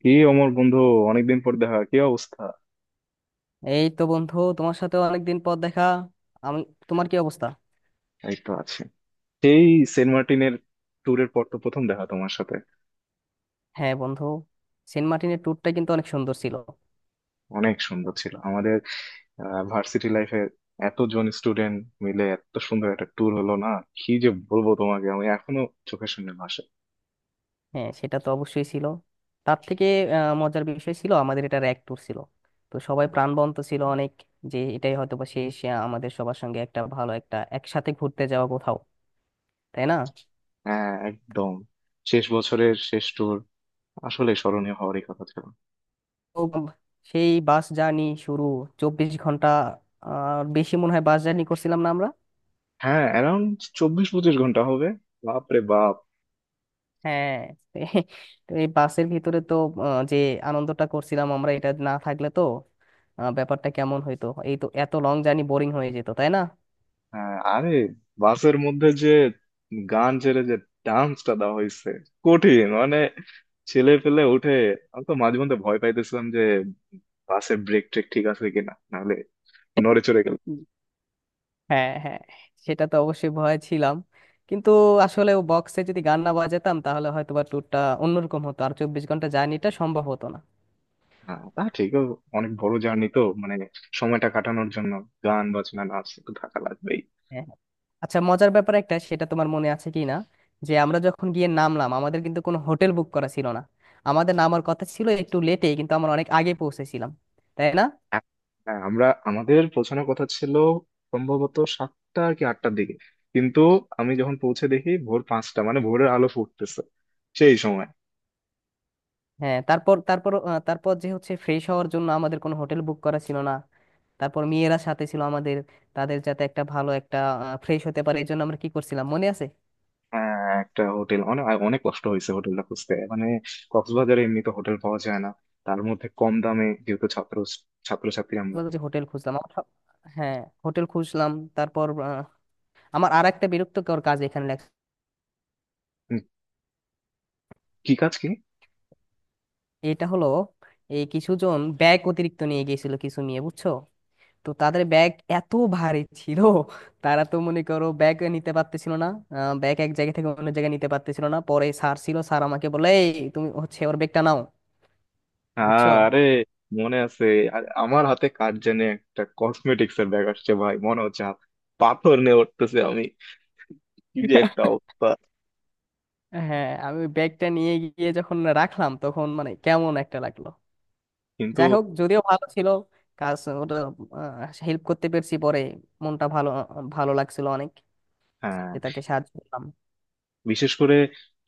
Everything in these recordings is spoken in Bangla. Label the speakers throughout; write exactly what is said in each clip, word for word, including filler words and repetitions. Speaker 1: কি, অমর বন্ধু! অনেকদিন পর দেখা, কি অবস্থা?
Speaker 2: এই তো বন্ধু, তোমার সাথে অনেকদিন পর দেখা। আমি, তোমার কি অবস্থা?
Speaker 1: এই তো আছে। সেই সেন্ট মার্টিনের ট্যুরের পর তো প্রথম দেখা তোমার সাথে।
Speaker 2: হ্যাঁ বন্ধু, সেন্ট মার্টিনের ট্যুরটা কিন্তু অনেক সুন্দর ছিল।
Speaker 1: অনেক সুন্দর ছিল আমাদের ভার্সিটি লাইফের, এতজন স্টুডেন্ট মিলে এত সুন্দর একটা ট্যুর হলো না। কি যে বলবো তোমাকে, আমি এখনো চোখের সামনে ভাসে।
Speaker 2: হ্যাঁ, সেটা তো অবশ্যই ছিল। তার থেকে আহ, মজার বিষয় ছিল আমাদের, এটা এক ট্যুর ছিল তো সবাই প্রাণবন্ত ছিল অনেক। যে এটাই হয়তো বা শেষ আহ, আমাদের সবার সঙ্গে একটা ভালো একটা একসাথে ঘুরতে যাওয়া কোথাও, তাই না?
Speaker 1: হ্যাঁ, একদম। শেষ বছরের শেষ ট্যুর আসলে স্মরণীয় হওয়ারই কথা ছিল।
Speaker 2: তো উম, সেই বাস জার্নি শুরু। চব্বিশ ঘন্টা আর বেশি মনে হয় বাস জার্নি করছিলাম না আমরা।
Speaker 1: হ্যাঁ, অ্যারাউন্ড চব্বিশ পঁচিশ ঘন্টা হবে। বাপরে বাপ!
Speaker 2: হ্যাঁ। এ- তো এই বাসের ভিতরে তো আহ, যে আনন্দটা করছিলাম আমরা, এটা না থাকলে তো আহ, ব্যাপারটা কেমন হইতো, এই তো এত লং জার্নি বোরিং হয়ে যেত, তাই না?
Speaker 1: হ্যাঁ, আরে বাসের মধ্যে যে গান ছেড়ে যে ডান্সটা দেওয়া হয়েছে, কঠিন মানে! ছেলে পেলে উঠে, আমি তো মাঝে মধ্যে ভয় পাইতেছিলাম যে বাসের ব্রেক ট্রেক ঠিক আছে কিনা, নাহলে নড়ে চড়ে গেল।
Speaker 2: হ্যাঁ হ্যাঁ, সেটা তো অবশ্যই ভয় ছিলাম, কিন্তু আসলে ও বক্সে যদি গান না বাজাতাম তাহলে হয়তো বা ট্যুরটা অন্যরকম হতো, আর চব্বিশ ঘন্টা জার্নিটা সম্ভব হতো না।
Speaker 1: হ্যাঁ, তা ঠিক। ও অনেক বড় জার্নি তো, মানে সময়টা কাটানোর জন্য গান বাজনা নাচ তো থাকা লাগবেই।
Speaker 2: হ্যাঁ। আচ্ছা, মজার ব্যাপার একটা, সেটা তোমার মনে আছে কি না যে আমরা যখন গিয়ে নামলাম আমাদের কিন্তু কোনো হোটেল বুক করা ছিল না। আমাদের নামার কথা ছিল একটু লেটে, কিন্তু আমরা অনেক আগে পৌঁছেছিলাম, তাই না?
Speaker 1: এক- হ্যাঁ, আমরা আমাদের পৌঁছানোর কথা ছিল সম্ভবত সাতটা কি আটটার দিকে। কিন্তু আমি যখন পৌঁছে দেখি ভোর পাঁচটা, মানে ভোরের আলো ফুটতেছে সেই সময়।
Speaker 2: হ্যাঁ, তারপর তারপর আহ, তারপর যে হচ্ছে ফ্রেশ হওয়ার জন্য আমাদের কোনো হোটেল বুক করা ছিল না। তারপর মেয়েরা সাথে ছিল আমাদের, তাদের যাতে একটা ভালো একটা ফ্রেশ হতে পারে, এই জন্য আমরা কি করছিলাম মনে আছে?
Speaker 1: হ্যাঁ, একটা হোটেল অনেক অনেক কষ্ট হয়েছে হোটেলটা খুঁজতে। মানে কক্সবাজারে এমনি তো হোটেল পাওয়া যায় না, তার মধ্যে কম দামে, যেহেতু ছাত্র ছাত্রছাত্রী আমরা।
Speaker 2: বলতে যে হোটেল খুঁজলাম আমার সব- হ্যাঁ, হোটেল খুঁজলাম। তারপর আহ, আমার আর একটা বিরক্তকর কাজ এখানে লেখা।
Speaker 1: উম, কি কাজ কি?
Speaker 2: এটা হলো, এই কিছুজন ব্যাগ অতিরিক্ত নিয়ে গিয়েছিল কিছু নিয়ে, বুঝছো? তো তাদের ব্যাগ এত ভারী ছিল তারা তো মনে করো ব্যাগ নিতে পারতেছিল না, আহ, ব্যাগ এক জায়গা থেকে অন্য জায়গায় নিতে পারতেছিল না। পরে স্যার ছিল, স্যার আমাকে বলে, "এই, তুমি হচ্ছে ওর ব্যাগটা নাও।" বুঝছো?
Speaker 1: আরে মনে আছে! আ- আমার হাতে কার জানে একটা কসমেটিক্স এর ব্যাগ আসছে, ভাই মনে হচ্ছে হাত পাথর নিয়ে উঠতেছে। আমি কি যে একটা অবস্থা!
Speaker 2: হ্যাঁ, আমি ওই ব্যাগটা নিয়ে গিয়ে যখন রাখলাম তখন মানে কেমন একটা লাগলো।
Speaker 1: কিন্তু,
Speaker 2: যাই হোক, যদিও ভালো ছিল কাজ ওটা, হেল্প করতে পেরেছি পরে, মনটা ভালো, ভালো লাগছিল অনেক
Speaker 1: হ্যাঁ।
Speaker 2: যে তাকে সাহায্য করলাম।
Speaker 1: বিশেষ করে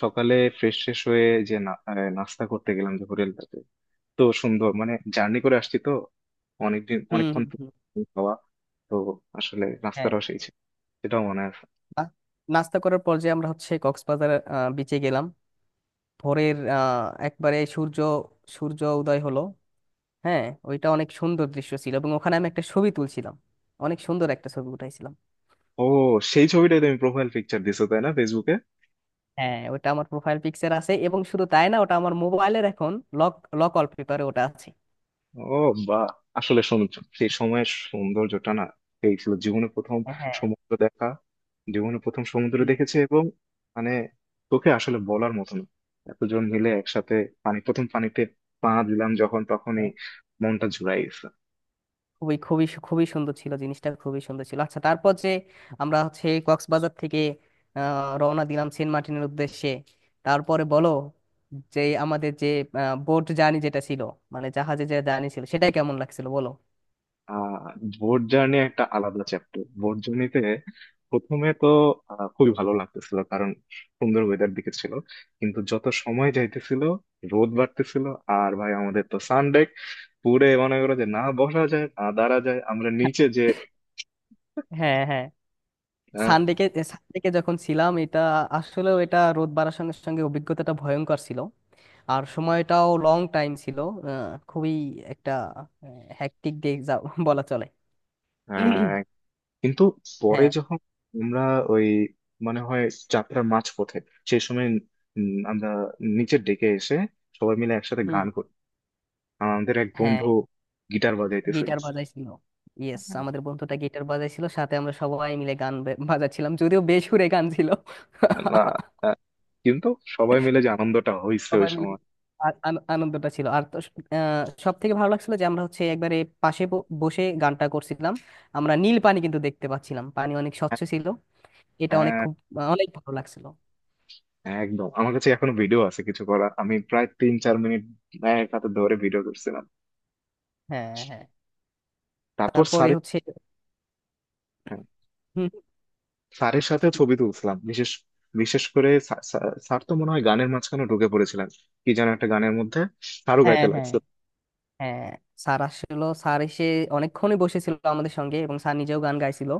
Speaker 1: সকালে ফ্রেশ ফ্রেশ হয়ে যে না- আহ, নাস্তা করতে গেলাম যে হোটেলটাতে, তো সুন্দর। মানে জার্নি করে আসছি তো অনেকদিন
Speaker 2: হুম
Speaker 1: অনেকক্ষণ
Speaker 2: হুম
Speaker 1: তো,
Speaker 2: হুম,
Speaker 1: খাওয়া তো। আসলে
Speaker 2: হ্যাঁ।
Speaker 1: রাস্তাটাও সেই ছিল, সেটাও মনে আছে।
Speaker 2: বা- নাস্তা করার পর যে আমরা হচ্ছে কক্সবাজার বিচে গেলাম, ভোরের আহ, একবারে সূর্য সূর্য উদয় হলো। হ্যাঁ, ওইটা অনেক সুন্দর দৃশ্য ছিল, এবং ওখানে আমি একটা ছবি তুলছিলাম, অনেক সুন্দর একটা ছবি উঠাইছিলাম।
Speaker 1: ও, সেই ছবিটাই তুমি প্রোফাইল পিকচার দিছো, তাই না ফেসবুকে?
Speaker 2: হ্যাঁ, ওটা আমার প্রোফাইল পিকচার আছে, এবং শুধু তাই না, ওটা আমার মোবাইলের এখন লক লক ওয়ালপেপারে ওটা আছে।
Speaker 1: ও বা, আসলে সৌন্দর্য, সেই সময়ের সৌন্দর্যটা না, সেই ছিল জীবনে প্রথম
Speaker 2: হ্যাঁ।
Speaker 1: সমুদ্র দেখা। জীবনে প্রথম সমুদ্র
Speaker 2: হুম,
Speaker 1: দেখেছি এবং মানে তোকে আসলে বলার মতো না। এতজন মিলে একসাথে পানি প্রথম পানিতে পা দিলাম যখন, তখনই
Speaker 2: হ্যাঁ,
Speaker 1: মনটা জুড়াই গেছে।
Speaker 2: খুবই খুবই সু- খুবই সুন্দর ছিল জিনিসটা, খুবই সুন্দর ছিল। আচ্ছা, তারপর যে আমরা হচ্ছে কক্সবাজার থেকে আহ, রওনা দিলাম সেন্ট মার্টিনের উদ্দেশ্যে। তারপরে বলো যে আমাদের যে বোট জার্নি যেটা ছিল, মানে জাহাজে যে জার্নি ছিল, সেটা কেমন লাগছিল বলো।
Speaker 1: আহ বোট জার্নি একটা আলাদা চ্যাপ্টার। বোট জার্নিতে প্রথমে তো আহ, খুবই ভালো লাগতেছিল, কারণ সুন্দর ওয়েদার দিকে ছিল। কিন্তু যত সময় যাইতেছিল রোদ বাড়তেছিল, আর ভাই আমাদের তো সানডেক পুরে, মনে করো যে না বসা যায়, না দাঁড়া যায়, আমরা নিচে যে
Speaker 2: হ্যাঁ হ্যাঁ,
Speaker 1: আহ,
Speaker 2: সানডেকে, সানডেকে যখন ছিলাম, এটা আসলে এটা রোদ বাড়ার সঙ্গে সঙ্গে অভিজ্ঞতাটা ভয়ঙ্কর ছিল, আর সময়টাও লং টাইম ছিল। আহ, খুবই একটা হ্যাকটিক ডে যা বলা চলে।
Speaker 1: আহ, কিন্তু পরে
Speaker 2: হ্যাঁ।
Speaker 1: যখন আমরা, ওই মনে হয় যাত্রার মাঝপথে সেই সময়, উম, আমরা নিচে ডেকে এসে সবাই মিলে একসাথে
Speaker 2: হুম।
Speaker 1: গান করি। আমাদের এক বন্ধু
Speaker 2: হ্যাঁ,
Speaker 1: গিটার বাজাইতেছিল।
Speaker 2: গিটার বাজাইছিল। ইয়েস, আমাদের বন্ধুটা গিটার বাজাইছিল, সাথে আমরা সবাই মিলে গান বে- বাজাচ্ছিলাম, যদিও বেসুরে গান ছিল।
Speaker 1: না, আহ, কিন্তু সবাই মিলে যে আনন্দটা হয়েছে ওই
Speaker 2: সবাই মিলে
Speaker 1: সময়!
Speaker 2: আ- আন- আনন্দটা ছিল আর তো। সব থেকে ভালো লাগছিল যে আমরা হচ্ছে একবারে পাশে ব- বসে গানটা করছিলাম, আমরা নীল পানি কিন্তু দেখতে পাচ্ছিলাম, পানি অনেক স্বচ্ছ
Speaker 1: হ্যাঁ,
Speaker 2: ছিল। এটা অনেক খুব অনেক ভালো লাগছিল।
Speaker 1: হ্যাঁ, একদম। আমার কাছে এখনো ভিডিও আছে, কিছু করা আমি প্রায় তিন চার মিনিট এক হাতে ধরে ভিডিও করছিলাম।
Speaker 2: হ্যাঁ হ্যাঁ,
Speaker 1: তারপর
Speaker 2: তারপরে
Speaker 1: স্যারের,
Speaker 2: হচ্ছে
Speaker 1: হ্যাঁ,
Speaker 2: হুম,
Speaker 1: স্যারের সাথে ছবি তুলছিলাম। বিশেষ বিশেষ করে স্যার স্যার- স্যার তো মনে হয় গানের মাঝখানে ঢুকে পড়েছিলেন, কি যেন একটা গানের মধ্যে স্যারও
Speaker 2: হ্যাঁ
Speaker 1: গাইতে
Speaker 2: হ্যাঁ।
Speaker 1: লাগছে।
Speaker 2: হ্যাঁ, স্যার আসলো, স্যার এসে অনেকক্ষণই বসেছিল আমাদের সঙ্গে, এবং স্যার নিজেও গান গাইছিল।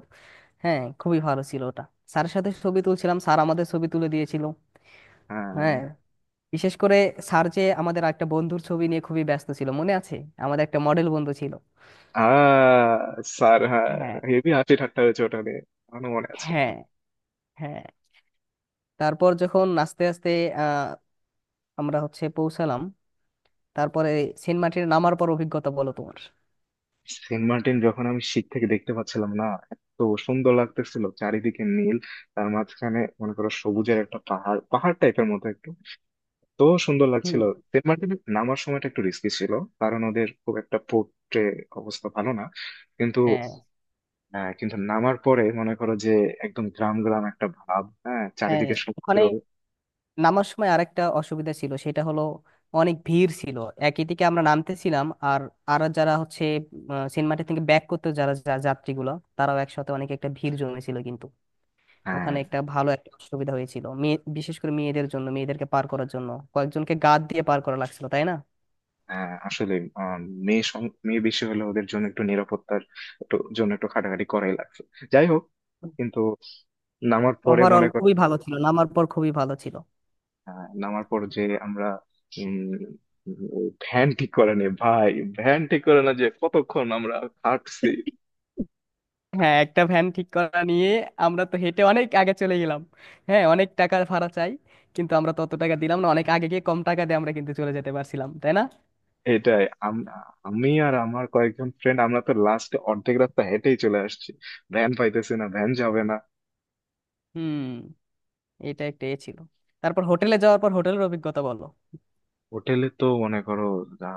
Speaker 2: হ্যাঁ, খুবই ভালো ছিল ওটা। স্যারের সাথে ছবি তুলছিলাম, স্যার আমাদের ছবি তুলে দিয়েছিল।
Speaker 1: হ্যাঁ,
Speaker 2: হ্যাঁ, বিশেষ করে স্যার যে আমাদের একটা বন্ধুর ছবি নিয়ে খুবই ব্যস্ত ছিল, মনে আছে? আমাদের একটা মডেল বন্ধু ছিল।
Speaker 1: আহ স্যার, হ্যাঁ।
Speaker 2: হ্যাঁ
Speaker 1: হেভি হাসি ঠাট্টা হয়েছে ওটা নিয়ে, এখনো মনে আছে।
Speaker 2: হ্যাঁ। হ্যাঁ, তারপর যখন আস্তে আস্তে আহ আমরা হচ্ছে পৌঁছালাম, তারপরে সেন্ট মার্টিনে নামার পর অভিজ্ঞতা বলো তোমার।
Speaker 1: সেন্ট মার্টিন যখন, আমি শীত থেকে দেখতে পাচ্ছিলাম না, এত সুন্দর লাগতেছিল। চারিদিকে নীল, তার মাঝখানে মনে করো সবুজের একটা পাহাড় পাহাড় টাইপের মতো একটু, তো সুন্দর
Speaker 2: হুম,
Speaker 1: লাগছিল। সেন্ট মার্টিন নামার সময়টা একটু রিস্কি ছিল, কারণ ওদের খুব একটা পোর্টে অবস্থা ভালো না। কিন্তু
Speaker 2: হ্যাঁ
Speaker 1: আহ, কিন্তু নামার পরে মনে করো যে একদম গ্রাম গ্রাম একটা ভাব, হ্যাঁ,
Speaker 2: হ্যাঁ,
Speaker 1: চারিদিকে সমুদ্র।
Speaker 2: ওখানে নামার সময় আরেকটা অসুবিধা ছিল, সেটা হলো অনেক ভিড় ছিল। একই দিকে আমরা নামতেছিলাম, আর আর যারা হচ্ছে আহ, সেন্ট মার্টিন থেকে ব্যাক করতে যারা যা- যাত্রীগুলো, তারাও একসাথে অনেক একটা ভিড় জমেছিল, কিন্তু
Speaker 1: হ্যাঁ,
Speaker 2: ওখানে একটা ভালো একটা অসুবিধা হয়েছিল মেয়ে, বিশেষ করে মেয়েদের জন্য, মেয়েদেরকে পার করার জন্য কয়েকজনকে গাদ দিয়ে পার করা লাগছিল, তাই না?
Speaker 1: হ্যাঁ, আসলে আহ, মেয়ে সং- মেয়ে বেশি হলে ওদের জন্য একটু নিরাপত্তার, একটু জন্য একটু খাটাখাটি করাই লাগছে। যাই হোক, কিন্তু নামার পরে
Speaker 2: ওভারঅল
Speaker 1: মনে কর।
Speaker 2: খুবই ভালো ছিল, নামার পর খুবই ভালো ছিল।
Speaker 1: হ্যাঁ, নামার পর যে আমরা উম ভ্যান ঠিক করে নি, ভাই ভ্যান ঠিক করে না, যে কতক্ষণ আমরা হাঁটছি।
Speaker 2: হ্যাঁ, একটা ভ্যান ঠিক করা নিয়ে আমরা তো হেঁটে অনেক আগে চলে গেলাম। হ্যাঁ, অনেক টাকা ভাড়া চাই, কিন্তু আমরা তত টাকা দিলাম না, অনেক আগে গিয়ে কম টাকা দিয়ে আমরা কিন্তু চলে যেতে পারছিলাম, তাই না?
Speaker 1: এটাই! আম- আমি আর আমার কয়েকজন ফ্রেন্ড, আমরা তো লাস্টে অর্ধেক রাস্তা হেঁটেই চলে আসছি, ভ্যান পাইতেছি না, ভ্যান যাবে না।
Speaker 2: হুম। এটা একটা এ ছিল। তারপর হোটেলে যাওয়ার পর হোটেলের অভিজ্ঞতা বলো।
Speaker 1: হোটেলে তো মনে করো,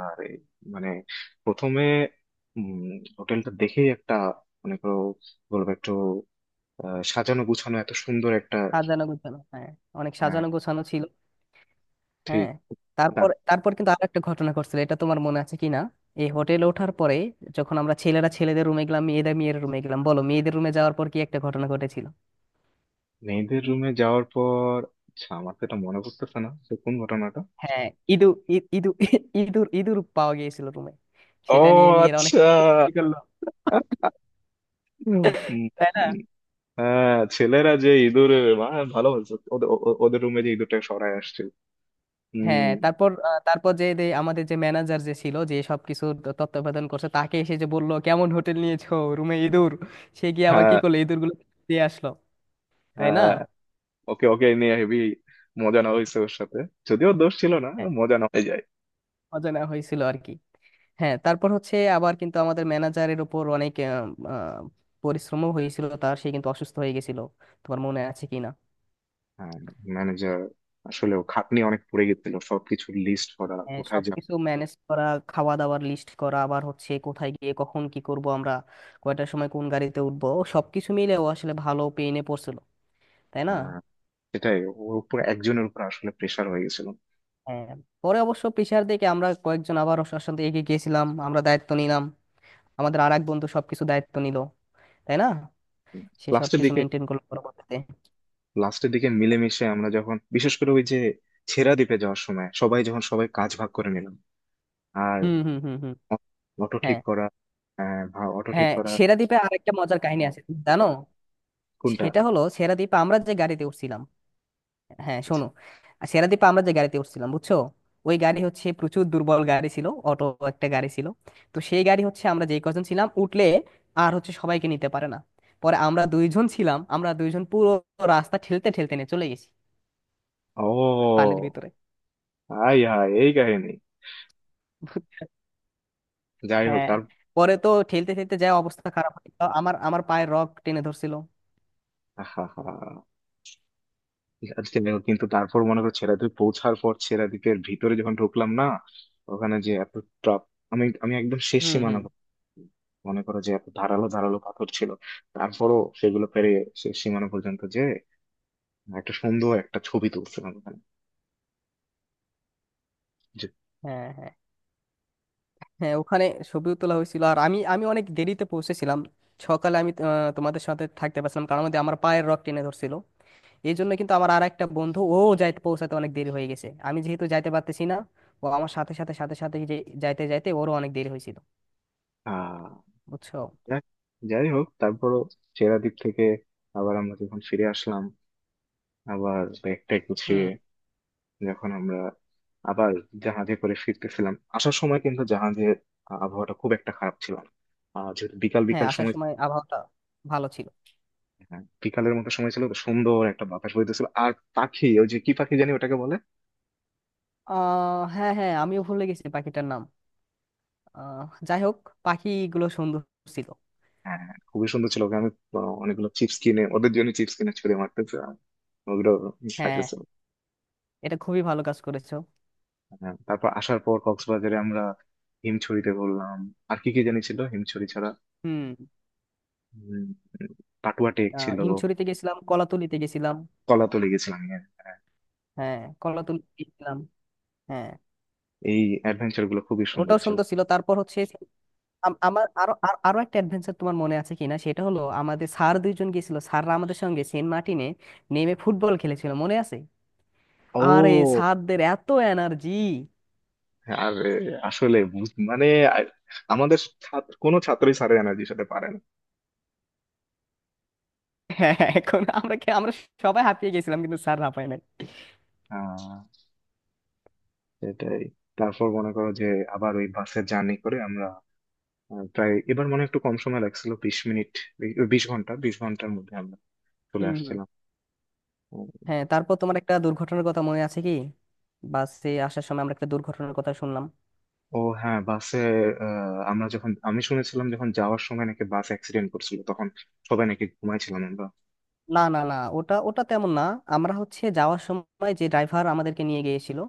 Speaker 1: আরে মানে প্রথমে উম হোটেলটা দেখেই একটা, মনে করো বলবো একটু আহ, সাজানো গুছানো এত সুন্দর একটা।
Speaker 2: সাজানো গোছানো, হ্যাঁ, অনেক
Speaker 1: আহ,
Speaker 2: সাজানো গোছানো ছিল। হ্যাঁ,
Speaker 1: ঠিক।
Speaker 2: তারপর তারপর কিন্তু আর একটা ঘটনা ঘটছিল, এটা তোমার মনে আছে কিনা? এই হোটেলে ওঠার পরে যখন আমরা ছেলেরা ছেলেদের রুমে গেলাম, মেয়েরা মেয়েদের রুমে গেলাম, বলো মেয়েদের রুমে যাওয়ার পর কি একটা ঘটনা ঘটেছিল?
Speaker 1: মেয়েদের রুমে যাওয়ার পর? আচ্ছা, আমার তো এটা মনে পড়তেছে না যে কোন ঘটনাটা।
Speaker 2: হ্যাঁ, ইঁদুর, ই- ইঁদুর ইঁদুর ইঁদুর পাওয়া গিয়েছিল রুমে।
Speaker 1: ও,
Speaker 2: সেটা নিয়ে মেয়েরা অনেক
Speaker 1: আচ্ছা।
Speaker 2: ই করলো,
Speaker 1: উম,
Speaker 2: তাই না?
Speaker 1: উম, হ্যাঁ, ছেলেরা যে ইঁদুর, আহ, ভালো বলছো, ওদের ও- ও- ওদের রুমে যে ইঁদুরটা সরায় আসছে।
Speaker 2: হ্যাঁ,
Speaker 1: হম।
Speaker 2: তারপর আহ, তারপর যে যে আমাদের যে ম্যানেজার যে ছিল যে সবকিছু তত্ত্বাবধান করছে, তাকে এসে যে বললো, কেমন হোটেল নিয়েছো, রুমে ইঁদুর! সে গিয়ে আবার কি
Speaker 1: হ্যাঁ,
Speaker 2: করলো, ইঁদুর গুলো দিয়ে আসলো, তাই না?
Speaker 1: হ্যাঁ। ওকে ওকে নিয়ে হেভি মজা নেওয়া হয়েছে ওর সাথে, যদিও ওর দোষ ছিল না।
Speaker 2: হ্যাঁ,
Speaker 1: মজা নেওয়া হয়ে যায়।
Speaker 2: অজানা হয়েছিল আর কি। হ্যাঁ, তারপর হচ্ছে আবার কিন্তু আমাদের ম্যানেজারের উপর অনেক আহ, আহ, পরিশ্রমও হয়েছিল তার, সে কিন্তু অসুস্থ হয়ে গেছিল, তোমার মনে আছে কিনা?
Speaker 1: হ্যাঁ, ম্যানেজার আসলে, ও খাটনি অনেক পড়ে গেছিল, সবকিছু লিস্ট করা,
Speaker 2: হ্যাঁ,
Speaker 1: কোথায় যাবে।
Speaker 2: সবকিছু ম্যানেজ করা, খাওয়া দাওয়ার লিস্ট করা, আবার হচ্ছে কোথায় গিয়ে কখন কি করব আমরা, কয়টার সময় কোন গাড়িতে উঠবো, সবকিছু মিলে ও আসলে ভালো পেইনে পড়ছিল, তাই না?
Speaker 1: হ্যাঁ, সেটাই। ওর উপর, একজনের উপর আসলে প্রেশার হয়ে গেছিল।
Speaker 2: হ্যাঁ, পরে অবশ্য প্রেশার দেখে আমরা কয়েকজন আবার ওর সাথে এগিয়ে গিয়েছিলাম, আমরা দায়িত্ব নিলাম। আমাদের আর এক বন্ধু সবকিছু দায়িত্ব নিল, তাই না? সে
Speaker 1: লাস্টের
Speaker 2: সবকিছু
Speaker 1: দিকে
Speaker 2: মেনটেন করলো পরবর্তীতে।
Speaker 1: লাস্টের দিকে মিলেমিশে আমরা যখন, বিশেষ করে ওই যে ছেড়া দ্বীপে যাওয়ার সময় সবাই যখন সবাই কাজ ভাগ করে নিলাম, আর
Speaker 2: হুম হুম হুম হুম
Speaker 1: অটো ঠিক
Speaker 2: হ্যাঁ
Speaker 1: করা। হ্যাঁ, ভা- অটো ঠিক
Speaker 2: হ্যাঁ,
Speaker 1: করা।
Speaker 2: সেরাদ্বীপে আরেকটা মজার কাহিনী আছে, তুমি জানো?
Speaker 1: কোনটা?
Speaker 2: সেটা হলো সেরাদ্বীপে আমরা যে গাড়িতে উঠছিলাম, হ্যাঁ শোনো, আর সেরাদ্বীপে আমরা যে গাড়িতে উঠছিলাম, বুঝছো, ওই গাড়ি হচ্ছে প্রচুর দুর্বল গাড়ি ছিল, অটো একটা গাড়ি ছিল। তো সেই গাড়ি হচ্ছে আমরা যেই কজন ছিলাম উঠলে আর হচ্ছে সবাইকে নিতে পারে না। পরে আমরা দুইজন ছিলাম, আমরা দুইজন পুরো রাস্তা ঠেলতে ঠেলতে নিয়ে চলে গেছি
Speaker 1: ও
Speaker 2: বালির ভিতরে,
Speaker 1: আই হাই, এই কাহিনী!
Speaker 2: বুঝছো?
Speaker 1: যাই হোক
Speaker 2: হ্যাঁ,
Speaker 1: তার,
Speaker 2: পরে তো ঠেলতে ঠেলতে যা অবস্থা খারাপ হয়ে গেল, আমার আমার পায়ে রক টেনে ধরছিল।
Speaker 1: হা হা। আজকে দেখো, কিন্তু তারপর মনে করো ছেড়া দ্বীপ পৌঁছার পর, ছেড়া দ্বীপের ভিতরে যখন ঢুকলাম না, ওখানে যে এত ট্রাপ! আমি আমি একদম শেষ
Speaker 2: হুম
Speaker 1: সীমানা।
Speaker 2: হুম।
Speaker 1: মনে করো যে এত ধারালো ধারালো পাথর ছিল, তারপরও সেগুলো পেরে শেষ সীমানা পর্যন্ত যে একটা সুন্দর একটা ছবি তুলছিলাম ওখানে যে
Speaker 2: হ্যাঁ হ্যাঁ। হ্যাঁ, ওখানে ছবিও তোলা হয়েছিল, আর আমি আমি অনেক দেরিতে পৌঁছেছিলাম। সকালে আমি আহ, তোমাদের সাথে থাকতে পারছিলাম, কারণ আমাদের আমার পায়ের রগ টেনে ধরছিল। এই জন্য কিন্তু আমার আর একটা বন্ধু ও যাইতে পৌঁছাতে অনেক দেরি হয়ে গেছে, আমি যেহেতু যাইতে পারতেছি না, ও আমার সাথে সাথে সাথে সাথে যে যাইতে যাইতে ওরও অনেক দেরি হয়েছিল,
Speaker 1: আহ
Speaker 2: বুঝছো?
Speaker 1: যাক, যাই হোক। তারপরও সেরাদ্বীপ থেকে আবার আমরা যখন ফিরে আসলাম, আবার ব্যাগটা গুছিয়ে
Speaker 2: হুম।
Speaker 1: যখন আমরা আবার জাহাজে করে ফিরতেছিলাম, আসার সময় কিন্তু জাহাজের আবহাওয়াটা খুব একটা খারাপ ছিল না, আহ যেহেতু বিকাল
Speaker 2: হ্যাঁ,
Speaker 1: বিকাল
Speaker 2: আসার
Speaker 1: সময়।
Speaker 2: সময় আবহাওয়াটা ভালো ছিল।
Speaker 1: হ্যাঁ, বিকালের মতো সময় ছিল তো, সুন্দর একটা বাতাস বইতেছিল আর পাখি, ওই যে কি পাখি জানি ওটাকে বলে।
Speaker 2: আহ হ্যাঁ হ্যাঁ, আমিও ভুলে গেছি পাখিটার নাম। আহ যাই হোক, পাখিগুলো সুন্দর ছিল।
Speaker 1: হ্যাঁ, হ্যাঁ, খুবই সুন্দর ছিল। ওকে আমি আহ, অনেকগুলো চিপস কিনে, ওদের জন্য চিপস কিনে ছুঁড়ে মারতেছিলাম, ওগুলো
Speaker 2: হ্যাঁ,
Speaker 1: খাইতেছিল।
Speaker 2: এটা খুবই ভালো কাজ করেছো।
Speaker 1: হ্যাঁ, তারপর আসার পর কক্সবাজারে আমরা হিমছড়িতে ঘুরলাম, আর কি কি জানি ছিল হিমছড়ি ছাড়া,
Speaker 2: হুম।
Speaker 1: উম, পাটুয়া টেক
Speaker 2: আহ
Speaker 1: ছিল,
Speaker 2: হিমছড়িতে গেছিলাম, কলাতুলিতে গেছিলাম।
Speaker 1: কলাতলি গেছিলাম, হ্যাঁ, হ্যাঁ।
Speaker 2: হ্যাঁ, কলাতুলিতে গেছিলাম। হ্যাঁ,
Speaker 1: এই অ্যাডভেঞ্চার গুলো খুবই সুন্দর
Speaker 2: ওটাও
Speaker 1: ছিল।
Speaker 2: সুন্দর ছিল। তারপর হচ্ছে আম- আমার আরো আর- আরো একটা অ্যাডভেঞ্চার তোমার মনে আছে কিনা, সেটা হলো আমাদের স্যার দুইজন গেছিল, স্যাররা আমাদের সঙ্গে সেন্ট মার্টিনে নেমে ফুটবল খেলেছিল, মনে আছে? আরে,
Speaker 1: ও
Speaker 2: স্যারদের এত এনার্জি!
Speaker 1: হ্যাঁ, আর এ, আসলে বুঝ- মানে আ- আমাদের ছাত্র কোনো ছাত্রই স্যারের এনার্জির সাথে পারে না।
Speaker 2: হ্যাঁ। এখন আমরা খে- আমরা সবাই হাঁপিয়ে গেছিলাম কিন্তু স্যার হাঁপায় নাই।
Speaker 1: আহ, সেটাই। তারপর মনে করো যে আবার ওই বাসে জার্নি করে আমরা, আহ, প্রায় এবার মনে হয় একটু কম সময় লাগছিল, বিশ মিনিট, বি- বিশ ঘন্টা, বিশ ঘন্টার মধ্যে আমরা চলে
Speaker 2: হুম হুম।
Speaker 1: আসছিলাম।
Speaker 2: হ্যাঁ, তারপর তোমার একটা দুর্ঘটনার কথা মনে আছে কি? বাসে আসার সময় আমরা একটা দুর্ঘটনার কথা শুনলাম।
Speaker 1: ও হ্যাঁ, বাসে আহ, আমরা যখন আমি শুনেছিলাম যখন যাওয়ার সময় নাকি বাস অ্যাক্সিডেন্ট করছিল, তখন সবাই নাকি ঘুমাইছিলাম আমরা।
Speaker 2: না না না, ওটা ওটা তেমন না। আমরা হচ্ছে যাওয়ার সময় যে ড্রাইভার আমাদেরকে নিয়ে গিয়েছিল,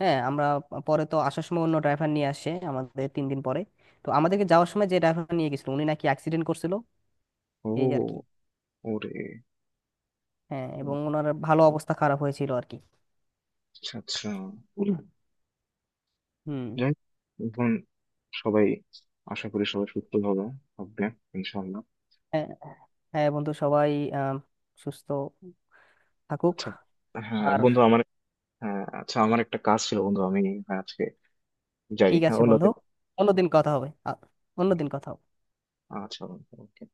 Speaker 2: হ্যাঁ আমরা প- পরে তো আসার সময় অন্য ড্রাইভার নিয়ে আসে আমাদের তিন দিন পরে, তো আমাদেরকে যাওয়ার সময় যে ড্রাইভার নিয়ে গেছিল উনি নাকি অ্যাক্সিডেন্ট করছিল, এই আর কি।
Speaker 1: ও, ওরে!
Speaker 2: হ্যাঁ, এবং ওনার ভালো, অবস্থা খারাপ হয়েছিল আর কি।
Speaker 1: আচ্ছা, আচ্ছা।
Speaker 2: হুম।
Speaker 1: যাই হোক, এখন সবাই, আশা করি সবাই সুস্থ হবে, হবে ইনশাল্লাহ।
Speaker 2: হ্যাঁ, হ্যাঁ বন্ধু, সবাই আহ, সুস্থ থাকুক।
Speaker 1: আচ্ছা, হ্যাঁ
Speaker 2: আর
Speaker 1: বন্ধু আমার, হ্যাঁ আচ্ছা। আমার একটা কাজ ছিল বন্ধু, আমি আজকে যাই,
Speaker 2: ঠিক
Speaker 1: হ্যাঁ
Speaker 2: আছে বন্ধু,
Speaker 1: অন্যদিন।
Speaker 2: অন্যদিন কথা হবে, আ- অন্যদিন কথা হবে।
Speaker 1: আচ্ছা বন্ধু, okay.